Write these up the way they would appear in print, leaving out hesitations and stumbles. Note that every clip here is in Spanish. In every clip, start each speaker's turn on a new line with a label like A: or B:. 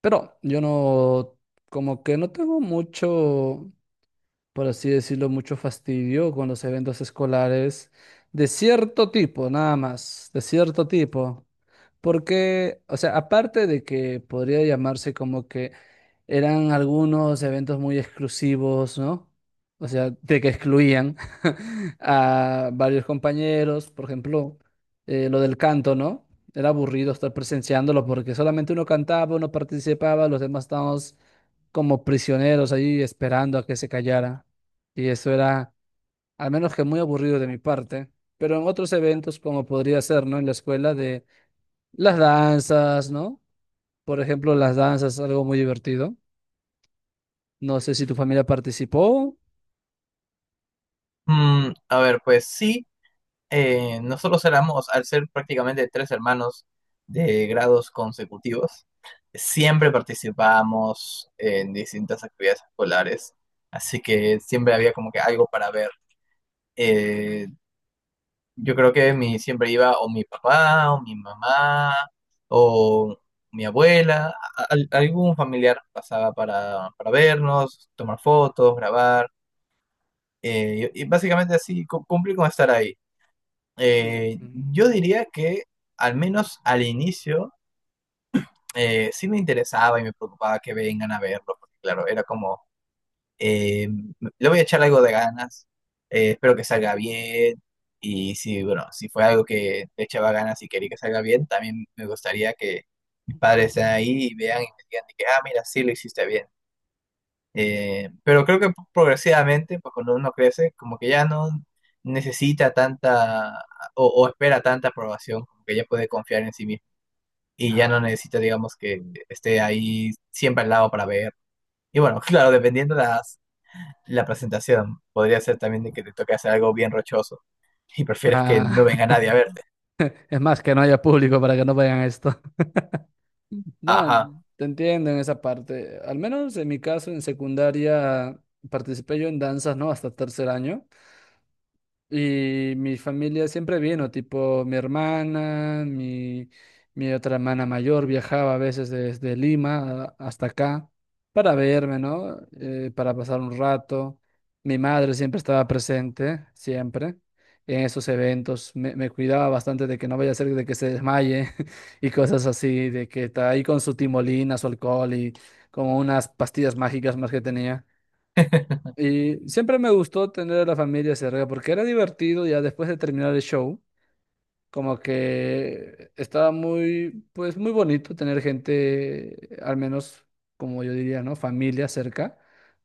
A: Pero yo no, como que no tengo mucho por así decirlo, mucho fastidio con los eventos escolares de cierto tipo, nada más, de cierto tipo. Porque, o sea, aparte de que podría llamarse como que eran algunos eventos muy exclusivos, ¿no? O sea, de que excluían a varios compañeros, por ejemplo, lo del canto, ¿no? Era aburrido estar presenciándolo porque solamente uno cantaba, uno participaba, los demás estábamos como prisioneros ahí esperando a que se callara. Y eso era, al menos que muy aburrido de mi parte, pero en otros eventos, como podría ser, ¿no? En la escuela de las danzas, ¿no? Por ejemplo, las danzas es algo muy divertido. No sé si tu familia participó.
B: A ver, pues sí, nosotros éramos, al ser prácticamente tres hermanos de grados consecutivos, siempre participábamos en distintas actividades escolares, así que siempre había como que algo para ver. Eh, yo creo que siempre iba o mi papá, o mi mamá, o mi abuela, algún familiar pasaba para vernos, tomar fotos, grabar, y básicamente así, cumplir con estar ahí. Eh, yo
A: Mm.
B: diría que al menos al inicio sí me interesaba y me preocupaba que vengan a verlo, porque claro, era como, eh, le voy a echar algo de ganas, espero que salga bien, y si, bueno, si fue algo que le echaba ganas y quería que salga bien, también me gustaría que mis padres estén ahí y vean y me digan de que, ah, mira, sí lo hiciste bien. Pero creo que progresivamente, pues cuando uno crece, como que ya no necesita tanta o espera tanta aprobación, como que ya puede confiar en sí mismo y ya no
A: Ah,
B: necesita, digamos, que esté ahí siempre al lado para ver. Y bueno, claro, dependiendo la presentación, podría ser también de que te toque hacer algo bien rochoso y prefieres que no
A: ah.
B: venga nadie a verte.
A: Es más, que no haya público para que no vayan a esto. No,
B: Ajá.
A: te entiendo en esa parte. Al menos en mi caso, en secundaria, participé yo en danzas, ¿no? Hasta tercer año. Y mi familia siempre vino, tipo mi hermana, mi otra hermana mayor viajaba a veces desde Lima hasta acá para verme, ¿no? Para pasar un rato. Mi madre siempre estaba presente, siempre, en esos eventos. Me cuidaba bastante de que no vaya a ser de que se desmaye y cosas así, de que está ahí con su timolina, su alcohol y como unas pastillas mágicas más que tenía. Y siempre me gustó tener a la familia cerca porque era divertido ya después de terminar el show. Como que estaba muy, pues muy bonito tener gente, al menos como yo diría, ¿no? Familia cerca,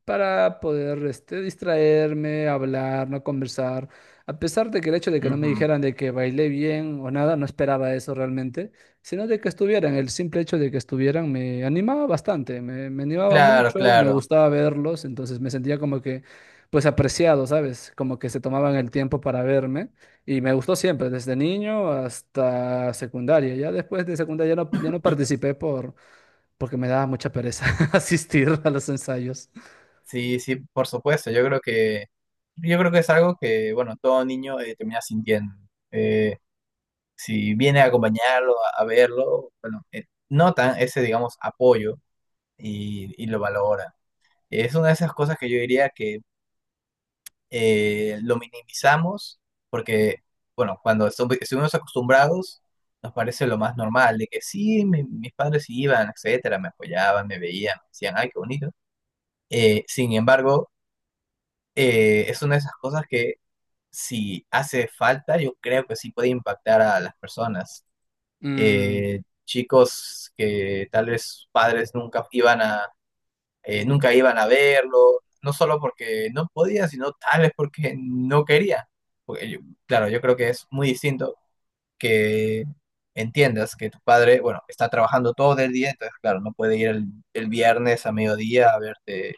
A: para poder este, distraerme, hablar, no conversar. A pesar de que el hecho de que no me
B: Ujú.
A: dijeran de que bailé bien o nada, no esperaba eso realmente, sino de que estuvieran, el simple hecho de que estuvieran me animaba bastante, me animaba
B: Claro,
A: mucho, me
B: claro.
A: gustaba verlos, entonces me sentía como que, pues apreciado, ¿sabes? Como que se tomaban el tiempo para verme. Y me gustó siempre, desde niño hasta secundaria. Ya después de secundaria ya no, ya no participé porque me daba mucha pereza asistir a los ensayos.
B: Sí, sí, por supuesto. Yo creo que es algo que, bueno, todo niño termina sintiendo. Eh, si viene a acompañarlo, a verlo, bueno, notan ese, digamos, apoyo y lo valoran. Es una de esas cosas que yo diría que lo minimizamos porque, bueno, cuando estuvimos acostumbrados, nos parece lo más normal, de que sí, mis padres iban, etcétera, me apoyaban, me veían, me decían, ay, qué bonito. Sin embargo, es una de esas cosas que si hace falta, yo creo que sí puede impactar a las personas.
A: Mm.
B: Chicos que tal vez sus padres nunca iban nunca iban a verlo, no solo porque no podía, sino tal vez porque no quería. Porque yo- claro, yo creo que es muy distinto que entiendas que tu padre, bueno, está trabajando todo el día, entonces claro, no puede ir el viernes a mediodía a verte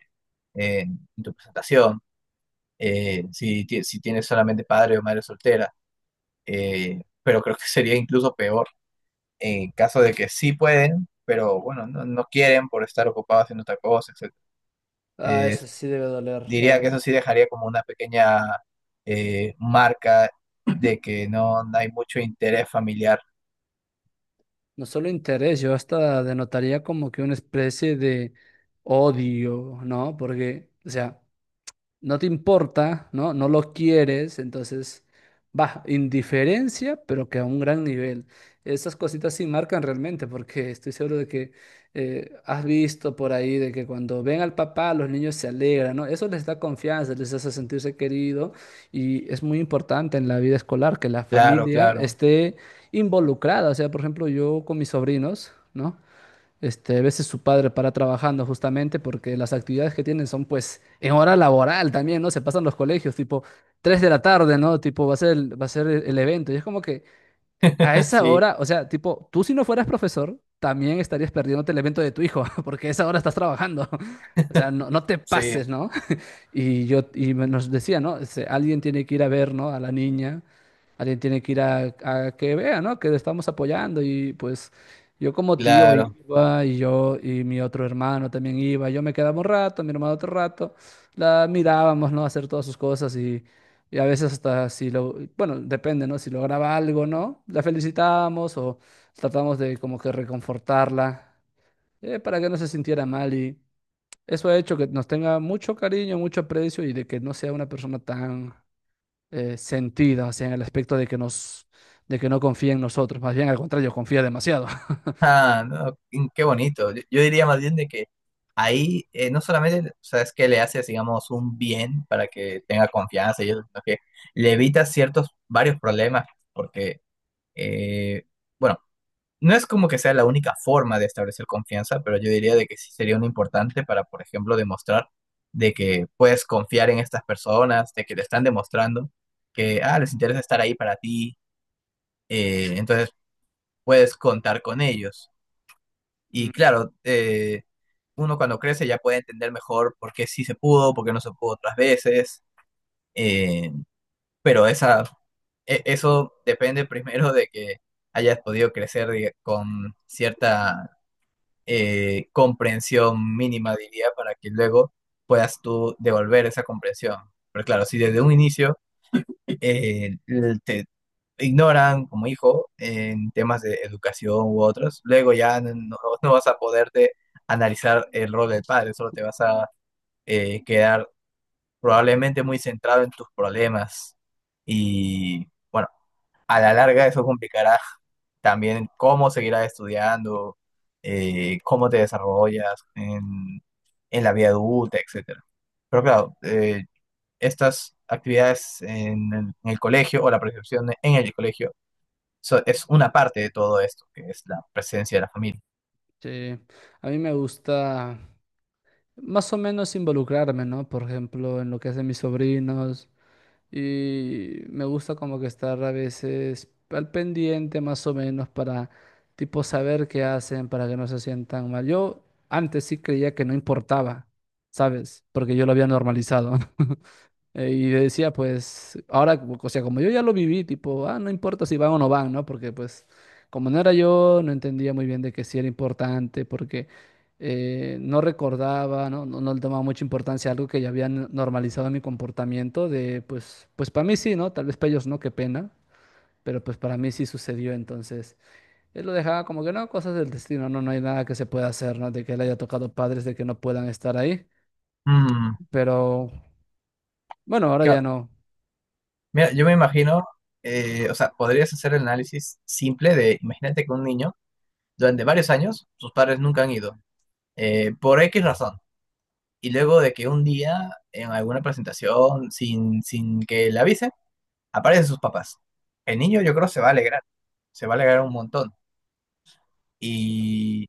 B: en tu presentación. Si tienes solamente padre o madre soltera pero creo que sería incluso peor en caso de que sí pueden, pero bueno, no quieren por estar ocupados haciendo otra cosa, etc.
A: Ah,
B: Eh,
A: eso sí debe doler, la
B: Diría que eso
A: verdad.
B: sí dejaría como una pequeña marca de que no hay mucho interés familiar.
A: No solo interés, yo hasta denotaría como que una especie de odio, ¿no? Porque, o sea, no te importa, ¿no? No lo quieres, entonces, va, indiferencia, pero que a un gran nivel. Esas cositas sí marcan realmente, porque estoy seguro de que has visto por ahí de que cuando ven al papá, los niños se alegran, ¿no? Eso les da confianza, les hace sentirse querido y es muy importante en la vida escolar que la
B: Claro,
A: familia
B: claro.
A: esté involucrada. O sea, por ejemplo, yo con mis sobrinos, ¿no? Este, a veces su padre para trabajando justamente porque las actividades que tienen son pues en hora laboral también, ¿no? Se pasan los colegios, tipo 3 de la tarde, ¿no? Tipo va a ser el, va a ser el evento. Y es como que a esa
B: Sí,
A: hora, o sea, tipo, tú si no fueras profesor, también estarías perdiéndote el evento de tu hijo, porque a esa hora estás trabajando. O sea, no, no te
B: sí,
A: pases, ¿no? Y yo y nos decía, ¿no? Dice, alguien tiene que ir a ver, ¿no? A la niña, alguien tiene que ir a que vea, ¿no? Que le estamos apoyando y pues yo como tío
B: claro.
A: iba y yo y mi otro hermano también iba, yo me quedaba un rato, mi hermano otro rato, la mirábamos, ¿no? Hacer todas sus cosas y, a veces hasta si lo, bueno, depende, ¿no? Si lograba algo, ¿no? La felicitábamos o tratamos de como que reconfortarla, para que no se sintiera mal y eso ha hecho que nos tenga mucho cariño, mucho aprecio y de que no sea una persona tan sentida, o sea, en el aspecto de que no confía en nosotros. Más bien, al contrario, confía demasiado.
B: Ah, no, qué bonito. Yo diría más bien de que ahí no solamente, o sea, es que le haces, digamos, un bien para que tenga confianza y eso, sino que le evitas varios problemas, porque, eh, bueno, no es como que sea la única forma de establecer confianza, pero yo diría de que sí sería un importante para, por ejemplo, demostrar de que puedes confiar en estas personas, de que te están demostrando que, ah, les interesa estar ahí para ti, entonces puedes contar con ellos. Y
A: Mm.
B: claro, uno cuando crece ya puede entender mejor por qué sí se pudo, por qué no se pudo otras veces, eh, pero eso depende primero de que hayas podido crecer con cierta comprensión mínima, diría, para que luego puedas tú devolver esa comprensión. Pero claro, si desde un inicio te ignoran como hijo en temas de educación u otros, luego ya no vas a poderte analizar el rol del padre, solo te vas a quedar probablemente muy centrado en tus problemas y bueno, a la larga eso complicará también cómo seguirás estudiando, cómo te desarrollas en la vida adulta, etcétera. Pero claro, estas actividades en el colegio o la percepción en el colegio es una parte de todo esto, que es la presencia de la familia.
A: Sí, a mí me gusta más o menos involucrarme, ¿no? Por ejemplo, en lo que hacen mis sobrinos, y me gusta como que estar a veces al pendiente más o menos para tipo saber qué hacen para que no se sientan mal. Yo antes sí creía que no importaba, ¿sabes? Porque yo lo había normalizado. Y yo decía, pues, ahora, o sea, como yo ya lo viví, tipo, ah, no importa si van o no van, ¿no? Porque, pues, como no era yo, no entendía muy bien de que sí era importante, porque no recordaba, ¿no? No, no le tomaba mucha importancia a algo que ya habían normalizado en mi comportamiento, de, pues para mí sí, ¿no? Tal vez para ellos no, qué pena, pero pues para mí sí sucedió, entonces, él lo dejaba como que, no, cosas del destino, no, no hay nada que se pueda hacer, ¿no? De que él haya tocado padres, de que no puedan estar ahí,
B: Mm,
A: pero, bueno, ahora
B: que-
A: ya no.
B: mira, yo me imagino, o sea, podrías hacer el análisis simple de, imagínate que un niño, durante varios años, sus padres nunca han ido, por X razón, y luego de que un día, en alguna presentación, sin que le avisen, aparecen sus papás. El niño yo creo se va a alegrar, se va a alegrar un montón. Y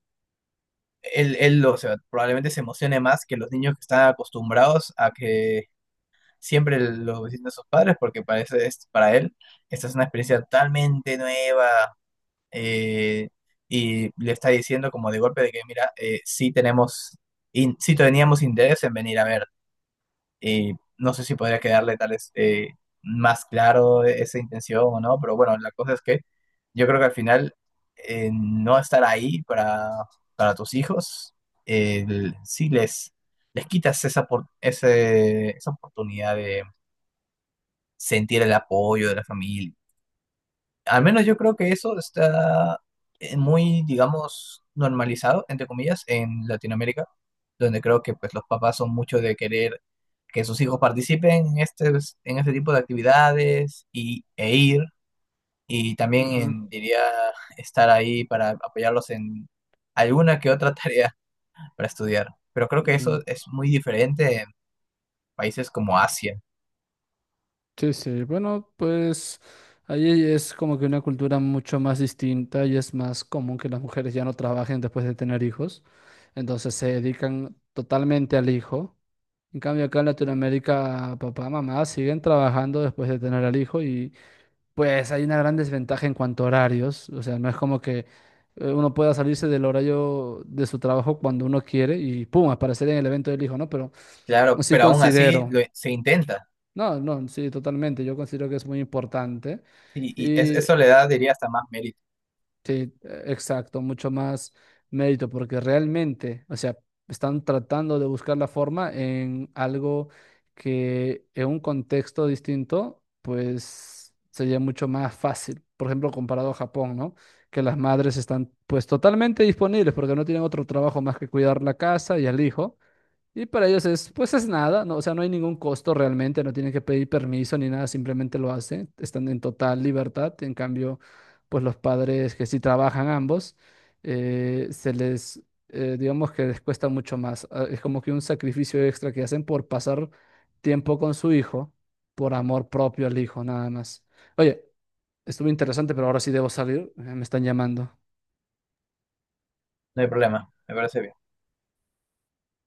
B: él o sea, probablemente se emocione más que los niños que están acostumbrados a que siempre lo visiten sus padres, porque parece, es, para él esta es una experiencia totalmente nueva eh, y le está diciendo como de golpe de que, mira, sí teníamos interés en venir a ver. Y no sé si podría quedarle tal vez más claro esa intención o no, pero bueno, la cosa es que yo creo que al final no estar ahí para tus hijos, eh, sí les, les quitas esa oportunidad de sentir el apoyo de la familia. Al menos yo creo que eso está muy, digamos, normalizado, entre comillas, en Latinoamérica, donde creo que pues los papás son mucho de querer que sus hijos participen en en este tipo de actividades e ir, y también diría estar ahí para apoyarlos en alguna que otra tarea para estudiar. Pero creo que eso
A: Ujú.
B: es muy diferente en países como Asia.
A: Sí, sí, bueno, pues ahí es como que una cultura mucho más distinta y es más común que las mujeres ya no trabajen después de tener hijos, entonces se dedican totalmente al hijo. En cambio acá en Latinoamérica, papá, mamá siguen trabajando después de tener al hijo y pues hay una gran desventaja en cuanto a horarios, o sea, no es como que uno pueda salirse del horario de su trabajo cuando uno quiere y pum, aparecer en el evento del hijo, ¿no? Pero
B: Claro,
A: sí
B: pero aún así
A: considero.
B: se intenta.
A: No, no, sí, totalmente. Yo considero que es muy importante.
B: Y,
A: Y
B: eso le da, diría, hasta más mérito.
A: sí, exacto, mucho más mérito, porque realmente, o sea, están tratando de buscar la forma en algo que en un contexto distinto, pues sería mucho más fácil. Por ejemplo, comparado a Japón, ¿no? Que las madres están pues totalmente disponibles porque no tienen otro trabajo más que cuidar la casa y al hijo. Y para ellos es, pues es nada, no, o sea, no hay ningún costo realmente, no tienen que pedir permiso ni nada, simplemente lo hacen, están en total libertad. En cambio, pues los padres que sí trabajan ambos, eh, se les, digamos que les cuesta mucho más. Es como que un sacrificio extra que hacen por pasar tiempo con su hijo, por amor propio al hijo, nada más. Oye, estuvo interesante, pero ahora sí debo salir, me están llamando.
B: No hay problema, me parece bien.